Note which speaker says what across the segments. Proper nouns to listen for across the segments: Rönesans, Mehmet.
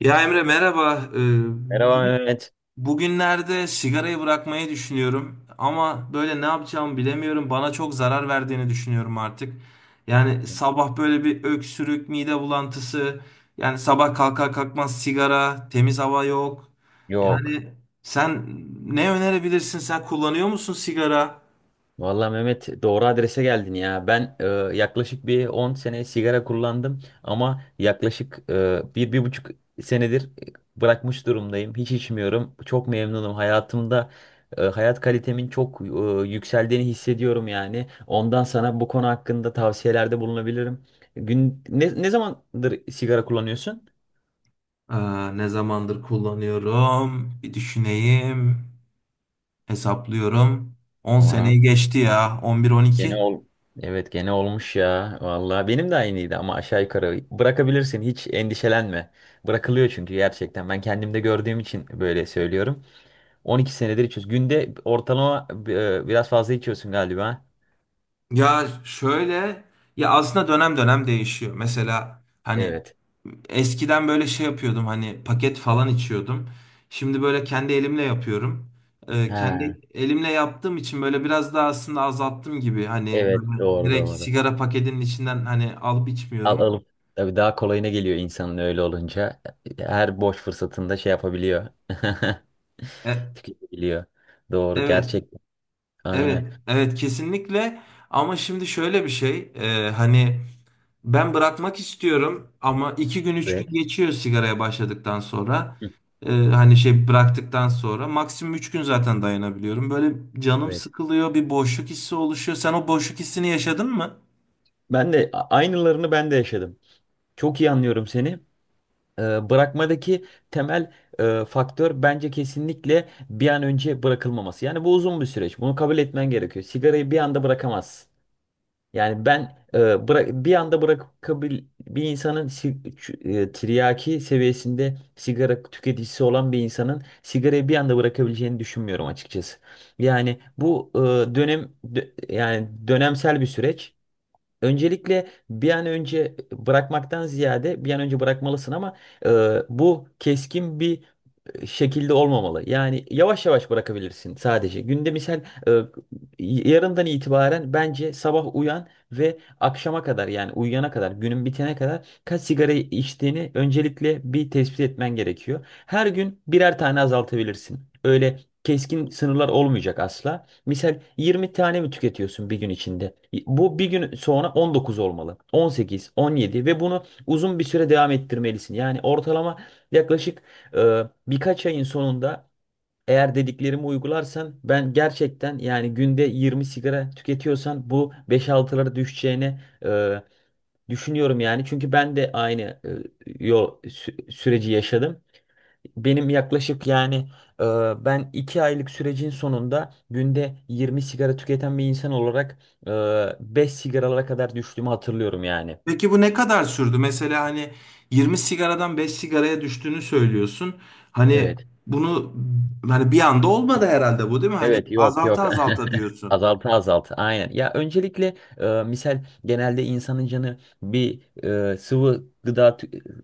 Speaker 1: Ya Emre merhaba.
Speaker 2: Merhaba
Speaker 1: Bu-
Speaker 2: Mehmet.
Speaker 1: Bugünlerde sigarayı bırakmayı düşünüyorum ama böyle ne yapacağımı bilemiyorum. Bana çok zarar verdiğini düşünüyorum artık. Yani sabah böyle bir öksürük, mide bulantısı, yani sabah kalkar kalkmaz sigara, temiz hava yok.
Speaker 2: Yok.
Speaker 1: Yani sen ne önerebilirsin? Sen kullanıyor musun sigara?
Speaker 2: Vallahi Mehmet doğru adrese geldin ya. Ben yaklaşık bir 10 sene sigara kullandım ama yaklaşık bir buçuk senedir bırakmış durumdayım. Hiç içmiyorum. Çok memnunum. Hayatımda hayat kalitemin çok yükseldiğini hissediyorum yani. Ondan sana bu konu hakkında tavsiyelerde bulunabilirim. Ne zamandır sigara kullanıyorsun?
Speaker 1: Aa, ne zamandır kullanıyorum? Bir düşüneyim, hesaplıyorum. 10
Speaker 2: Tamam.
Speaker 1: seneyi geçti ya, 11, on
Speaker 2: Gene
Speaker 1: iki
Speaker 2: ol. Evet gene olmuş ya. Vallahi benim de aynıydı ama aşağı yukarı bırakabilirsin, hiç endişelenme. Bırakılıyor çünkü gerçekten. Ben kendimde gördüğüm için böyle söylüyorum. 12 senedir içiyoruz. Günde ortalama biraz fazla içiyorsun galiba.
Speaker 1: Ya şöyle, ya aslında dönem dönem değişiyor. Mesela hani
Speaker 2: Evet.
Speaker 1: eskiden böyle şey yapıyordum, hani paket falan içiyordum. Şimdi böyle kendi elimle yapıyorum.
Speaker 2: Ha,
Speaker 1: Kendi elimle yaptığım için böyle biraz daha aslında azalttım gibi. Hani
Speaker 2: evet,
Speaker 1: böyle
Speaker 2: doğru
Speaker 1: direkt
Speaker 2: doğru.
Speaker 1: sigara paketinin içinden hani alıp
Speaker 2: Al
Speaker 1: içmiyorum.
Speaker 2: alıp tabii daha kolayına geliyor insanın öyle olunca. Her boş fırsatında şey yapabiliyor.
Speaker 1: E,
Speaker 2: Tüketebiliyor. Doğru
Speaker 1: evet,
Speaker 2: gerçekten.
Speaker 1: evet,
Speaker 2: Aynen.
Speaker 1: evet, kesinlikle. Ama şimdi şöyle bir şey, hani. Ben bırakmak istiyorum ama 2 gün 3 gün
Speaker 2: Evet.
Speaker 1: geçiyor sigaraya başladıktan sonra.
Speaker 2: Hı.
Speaker 1: Hani şey bıraktıktan sonra maksimum 3 gün zaten dayanabiliyorum. Böyle canım
Speaker 2: Evet.
Speaker 1: sıkılıyor, bir boşluk hissi oluşuyor. Sen o boşluk hissini yaşadın mı?
Speaker 2: Ben de aynılarını ben de yaşadım. Çok iyi anlıyorum seni. Bırakmadaki temel faktör bence kesinlikle bir an önce bırakılmaması. Yani bu uzun bir süreç. Bunu kabul etmen gerekiyor. Sigarayı bir anda bırakamazsın. Yani ben e, bırak bir anda bırakabil bir insanın, tiryaki seviyesinde sigara tüketicisi olan bir insanın sigarayı bir anda bırakabileceğini düşünmüyorum açıkçası. Yani bu dönemsel bir süreç. Öncelikle bir an önce bırakmaktan ziyade bir an önce bırakmalısın ama e, bu keskin bir şekilde olmamalı. Yani yavaş yavaş bırakabilirsin sadece. Günde misal e, yarından itibaren bence sabah uyan ve akşama kadar, yani uyuyana kadar, günün bitene kadar kaç sigara içtiğini öncelikle bir tespit etmen gerekiyor. Her gün birer tane azaltabilirsin. Öyle keskin sınırlar olmayacak asla. Misal 20 tane mi tüketiyorsun bir gün içinde? Bu bir gün sonra 19 olmalı. 18, 17, ve bunu uzun bir süre devam ettirmelisin. Yani ortalama yaklaşık, birkaç ayın sonunda eğer dediklerimi uygularsan, ben gerçekten yani günde 20 sigara tüketiyorsan bu 5-6'lara düşeceğini düşünüyorum yani. Çünkü ben de aynı yol süreci yaşadım. Benim yaklaşık yani e, ben 2 aylık sürecin sonunda günde 20 sigara tüketen bir insan olarak e, 5 sigaralara kadar düştüğümü hatırlıyorum yani.
Speaker 1: Peki bu ne kadar sürdü? Mesela hani 20 sigaradan 5 sigaraya düştüğünü söylüyorsun. Hani
Speaker 2: Evet.
Speaker 1: bunu hani bir anda olmadı herhalde, bu değil mi? Hani
Speaker 2: Evet, yok
Speaker 1: azalta
Speaker 2: yok.
Speaker 1: azalta diyorsun.
Speaker 2: Azalta azalta, aynen. Ya öncelikle misal, genelde insanın canı bir sıvı gıda tü-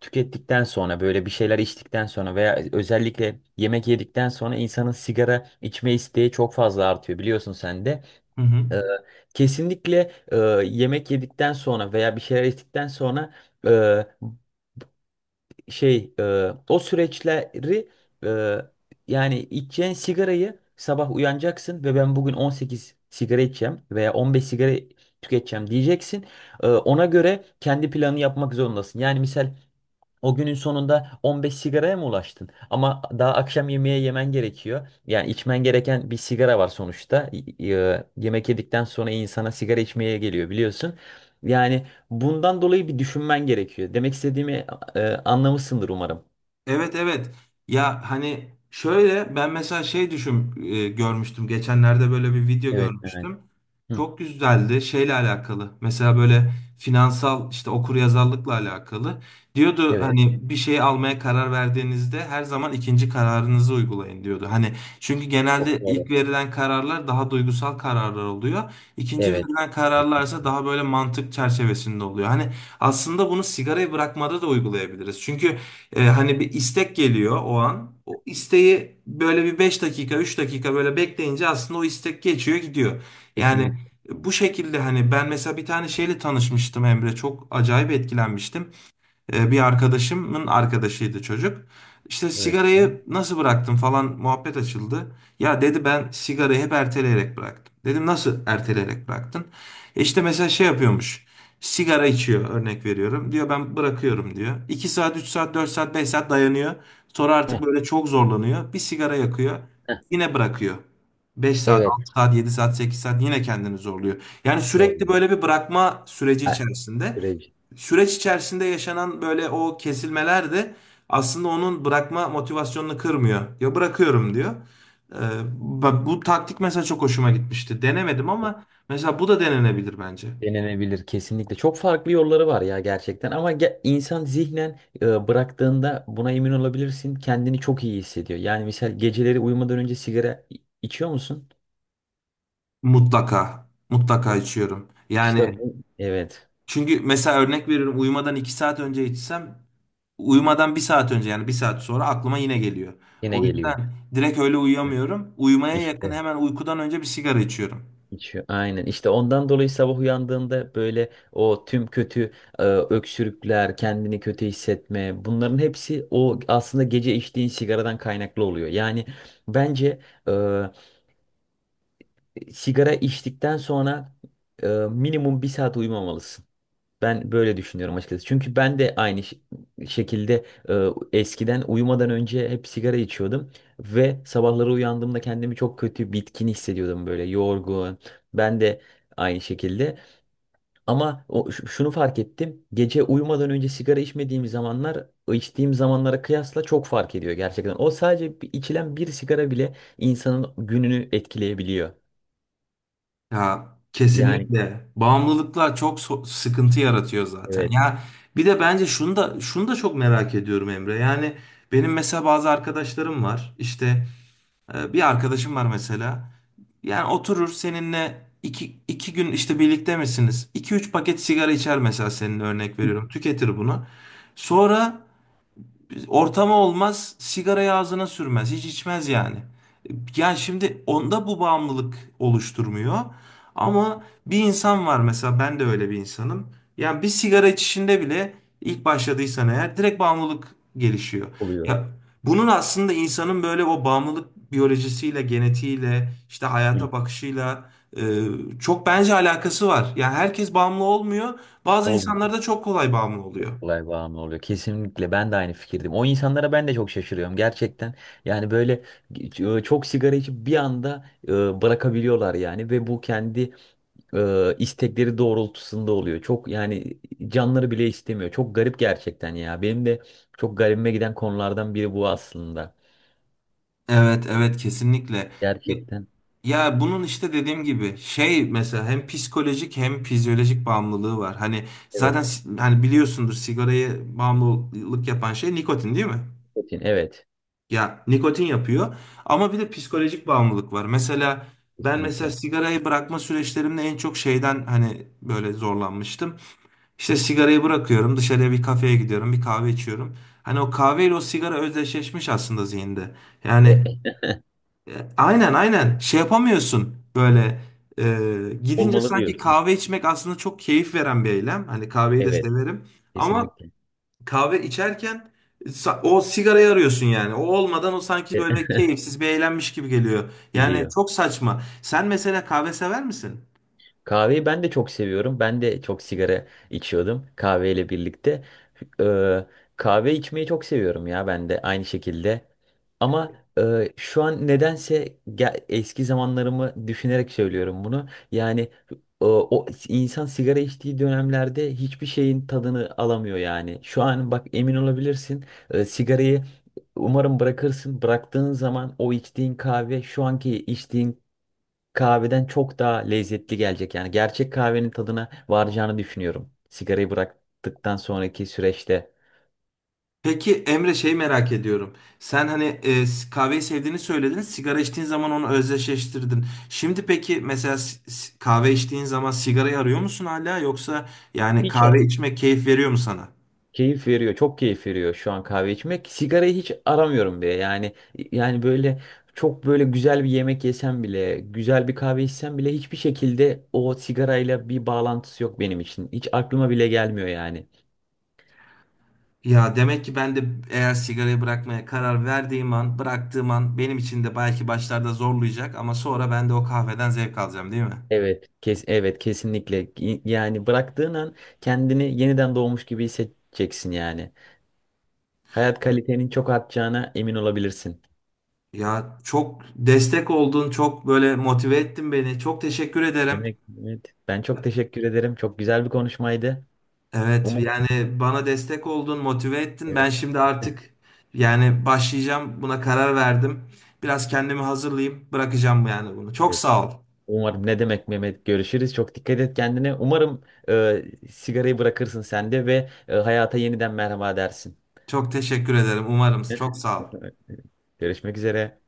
Speaker 2: tükettikten sonra, böyle bir şeyler içtikten sonra veya özellikle yemek yedikten sonra insanın sigara içme isteği çok fazla artıyor, biliyorsun sen de.
Speaker 1: Hı hı.
Speaker 2: E, kesinlikle yemek yedikten sonra veya bir şeyler içtikten sonra şey e, o süreçleri, e, yani içeceğin sigarayı, sabah uyanacaksın ve ben bugün 18 sigara içeceğim veya 15 sigara tüketeceğim diyeceksin. Ona göre kendi planını yapmak zorundasın. Yani misal o günün sonunda 15 sigaraya mı ulaştın? Ama daha akşam yemeğe yemen gerekiyor. Yani içmen gereken bir sigara var sonuçta. Yemek yedikten sonra insana sigara içmeye geliyor, biliyorsun. Yani bundan dolayı bir düşünmen gerekiyor. Demek istediğimi anlamışsındır umarım.
Speaker 1: Evet, evet. Ya hani şöyle ben mesela şey düşün, görmüştüm. Geçenlerde böyle bir video
Speaker 2: Evet evet.
Speaker 1: görmüştüm.
Speaker 2: Hı.
Speaker 1: Çok güzeldi, şeyle alakalı. Mesela böyle finansal, işte okuryazarlıkla alakalı. Diyordu
Speaker 2: Evet.
Speaker 1: hani bir şey almaya karar verdiğinizde her zaman ikinci kararınızı uygulayın diyordu. Hani çünkü genelde
Speaker 2: Çok
Speaker 1: ilk
Speaker 2: doğru.
Speaker 1: verilen kararlar daha duygusal kararlar oluyor. İkinci
Speaker 2: Evet.
Speaker 1: verilen kararlarsa daha böyle mantık çerçevesinde oluyor. Hani aslında bunu sigarayı bırakmada da uygulayabiliriz. Çünkü hani bir istek geliyor o an. O isteği böyle bir 5 dakika, 3 dakika böyle bekleyince aslında o istek geçiyor gidiyor. Yani
Speaker 2: Kesinlikle.
Speaker 1: bu şekilde hani ben mesela bir tane şeyle tanışmıştım Emre. Çok acayip etkilenmiştim. Bir arkadaşımın arkadaşıydı çocuk. İşte
Speaker 2: Evet, Mehmet.
Speaker 1: sigarayı nasıl bıraktım falan muhabbet açıldı. Ya dedi ben sigarayı hep erteleyerek bıraktım. Dedim nasıl erteleyerek bıraktın? İşte mesela şey yapıyormuş. Sigara içiyor, örnek veriyorum. Diyor ben bırakıyorum diyor. 2 saat, 3 saat, 4 saat, 5 saat dayanıyor. Sonra
Speaker 2: Heh.
Speaker 1: artık böyle çok zorlanıyor. Bir sigara yakıyor.
Speaker 2: Heh,
Speaker 1: Yine bırakıyor. 5 saat,
Speaker 2: evet.
Speaker 1: 6 saat, 7 saat, 8 saat yine kendini zorluyor. Yani sürekli
Speaker 2: Doğru.
Speaker 1: böyle bir bırakma süreci
Speaker 2: Ha,
Speaker 1: içerisinde,
Speaker 2: süreci.
Speaker 1: süreç içerisinde yaşanan böyle o kesilmeler de aslında onun bırakma motivasyonunu kırmıyor. Ya bırakıyorum diyor. Ee, Bu taktik mesela çok hoşuma gitmişti. Denemedim ama mesela bu da denenebilir bence.
Speaker 2: Denenebilir kesinlikle. Çok farklı yolları var ya gerçekten ama insan zihnen bıraktığında buna emin olabilirsin. Kendini çok iyi hissediyor. Yani mesela geceleri uyumadan önce sigara içiyor musun?
Speaker 1: Mutlaka. Mutlaka içiyorum. Yani
Speaker 2: İşte bu. Evet,
Speaker 1: çünkü mesela örnek veriyorum, uyumadan 2 saat önce içsem, uyumadan 1 saat önce, yani 1 saat sonra aklıma yine geliyor.
Speaker 2: yine
Speaker 1: O
Speaker 2: geliyor.
Speaker 1: yüzden direkt öyle uyuyamıyorum. Uyumaya yakın,
Speaker 2: İşte,
Speaker 1: hemen uykudan önce bir sigara içiyorum.
Speaker 2: içiyor. Aynen. İşte ondan dolayı sabah uyandığında böyle o tüm kötü öksürükler, kendini kötü hissetme, bunların hepsi o aslında gece içtiğin sigaradan kaynaklı oluyor. Yani bence e, sigara içtikten sonra minimum bir saat uyumamalısın. Ben böyle düşünüyorum açıkçası. Çünkü ben de aynı şekilde eskiden uyumadan önce hep sigara içiyordum ve sabahları uyandığımda kendimi çok kötü, bitkin hissediyordum, böyle yorgun. Ben de aynı şekilde. Ama şunu fark ettim. Gece uyumadan önce sigara içmediğim zamanlar, içtiğim zamanlara kıyasla çok fark ediyor gerçekten. O sadece içilen bir sigara bile insanın gününü etkileyebiliyor.
Speaker 1: Ya
Speaker 2: Yani
Speaker 1: kesinlikle bağımlılıklar çok sıkıntı yaratıyor zaten.
Speaker 2: evet.
Speaker 1: Ya bir de bence şunu da şunu da çok merak ediyorum Emre. Yani benim mesela bazı arkadaşlarım var. İşte bir arkadaşım var mesela. Yani oturur seninle iki gün işte birlikte misiniz? İki üç paket sigara içer mesela, senin örnek
Speaker 2: ilk
Speaker 1: veriyorum. Tüketir bunu. Sonra ortamı olmaz, sigarayı ağzına sürmez, hiç içmez yani. Yani şimdi onda bu bağımlılık oluşturmuyor. Ama bir insan var mesela, ben de öyle bir insanım. Yani bir sigara içişinde bile ilk başladıysan eğer direkt bağımlılık gelişiyor.
Speaker 2: oluyor.
Speaker 1: Ya bunun aslında insanın böyle o bağımlılık biyolojisiyle, genetiğiyle, işte hayata
Speaker 2: İlk
Speaker 1: bakışıyla e, çok bence alakası var. Yani herkes bağımlı olmuyor. Bazı
Speaker 2: bol
Speaker 1: insanlar da çok kolay bağımlı oluyor.
Speaker 2: kolay bağımlı oluyor. Kesinlikle, ben de aynı fikirdim. O insanlara ben de çok şaşırıyorum gerçekten. Yani böyle çok sigara içip bir anda bırakabiliyorlar yani, ve bu kendi istekleri doğrultusunda oluyor. Çok, yani canları bile istemiyor. Çok garip gerçekten ya. Benim de çok garibime giden konulardan biri bu aslında.
Speaker 1: Evet, evet, kesinlikle.
Speaker 2: Gerçekten.
Speaker 1: Ya bunun işte dediğim gibi, şey mesela hem psikolojik hem fizyolojik bağımlılığı var. Hani zaten
Speaker 2: Evet.
Speaker 1: hani biliyorsundur, sigarayı bağımlılık yapan şey nikotin, değil mi?
Speaker 2: Nikotin, evet.
Speaker 1: Ya nikotin yapıyor ama bir de psikolojik bağımlılık var. Mesela ben mesela
Speaker 2: Kesinlikle.
Speaker 1: sigarayı bırakma süreçlerimde en çok şeyden hani böyle zorlanmıştım. İşte sigarayı bırakıyorum, dışarıya bir kafeye gidiyorum, bir kahve içiyorum. Hani o kahveyle o sigara özdeşleşmiş aslında zihinde.
Speaker 2: E,
Speaker 1: Yani
Speaker 2: e,
Speaker 1: aynen, aynen şey yapamıyorsun, böyle gidince
Speaker 2: Olmalı
Speaker 1: sanki
Speaker 2: diyorsun.
Speaker 1: kahve içmek aslında çok keyif veren bir eylem. Hani kahveyi de
Speaker 2: Evet.
Speaker 1: severim ama
Speaker 2: Kesinlikle.
Speaker 1: kahve içerken o sigarayı arıyorsun yani. O olmadan o sanki
Speaker 2: E,
Speaker 1: böyle keyifsiz bir eğlenmiş gibi geliyor. Yani
Speaker 2: geliyor.
Speaker 1: çok saçma. Sen mesela kahve sever misin?
Speaker 2: Kahveyi ben de çok seviyorum. Ben de çok sigara içiyordum kahveyle birlikte. Ee, kahve içmeyi çok seviyorum ya, ben de aynı şekilde. Ama şu an nedense, eski zamanlarımı düşünerek söylüyorum bunu. Yani o insan sigara içtiği dönemlerde hiçbir şeyin tadını alamıyor yani. Şu an bak, emin olabilirsin, sigarayı umarım bırakırsın. Bıraktığın zaman o içtiğin kahve, şu anki içtiğin kahveden çok daha lezzetli gelecek. Yani gerçek kahvenin tadına varacağını düşünüyorum. Sigarayı bıraktıktan sonraki süreçte
Speaker 1: Peki Emre, şey merak ediyorum. Sen hani kahveyi sevdiğini söyledin. Sigara içtiğin zaman onu özdeşleştirdin. Şimdi peki mesela kahve içtiğin zaman sigarayı arıyor musun hala, yoksa yani
Speaker 2: hiç ara-
Speaker 1: kahve içmek keyif veriyor mu sana?
Speaker 2: keyif veriyor. Çok keyif veriyor şu an kahve içmek. Sigarayı hiç aramıyorum bile. Yani böyle, çok böyle güzel bir yemek yesem bile, güzel bir kahve içsem bile, hiçbir şekilde o sigarayla bir bağlantısı yok benim için. Hiç aklıma bile gelmiyor yani.
Speaker 1: Ya demek ki ben de, eğer sigarayı bırakmaya karar verdiğim an, bıraktığım an benim için de belki başlarda zorlayacak ama sonra ben de o kahveden zevk alacağım, değil mi?
Speaker 2: Evet, evet kesinlikle. Yani bıraktığın an kendini yeniden doğmuş gibi hissedeceksin yani. Hayat kalitenin çok artacağına emin olabilirsin.
Speaker 1: Ya çok destek oldun, çok böyle motive ettin beni. Çok teşekkür ederim.
Speaker 2: Demek evet. Ben çok teşekkür ederim. Çok güzel bir konuşmaydı.
Speaker 1: Evet
Speaker 2: Umarım.
Speaker 1: yani bana destek oldun, motive ettin.
Speaker 2: Evet.
Speaker 1: Ben şimdi artık yani başlayacağım. Buna karar verdim. Biraz kendimi hazırlayayım. Bırakacağım yani bunu. Çok
Speaker 2: Evet.
Speaker 1: sağ ol.
Speaker 2: Umarım, ne demek Mehmet, görüşürüz. Çok dikkat et kendine. Umarım e, sigarayı bırakırsın sen de, ve hayata yeniden merhaba dersin.
Speaker 1: Çok teşekkür ederim. Umarım. Çok sağ ol.
Speaker 2: Görüşmek üzere.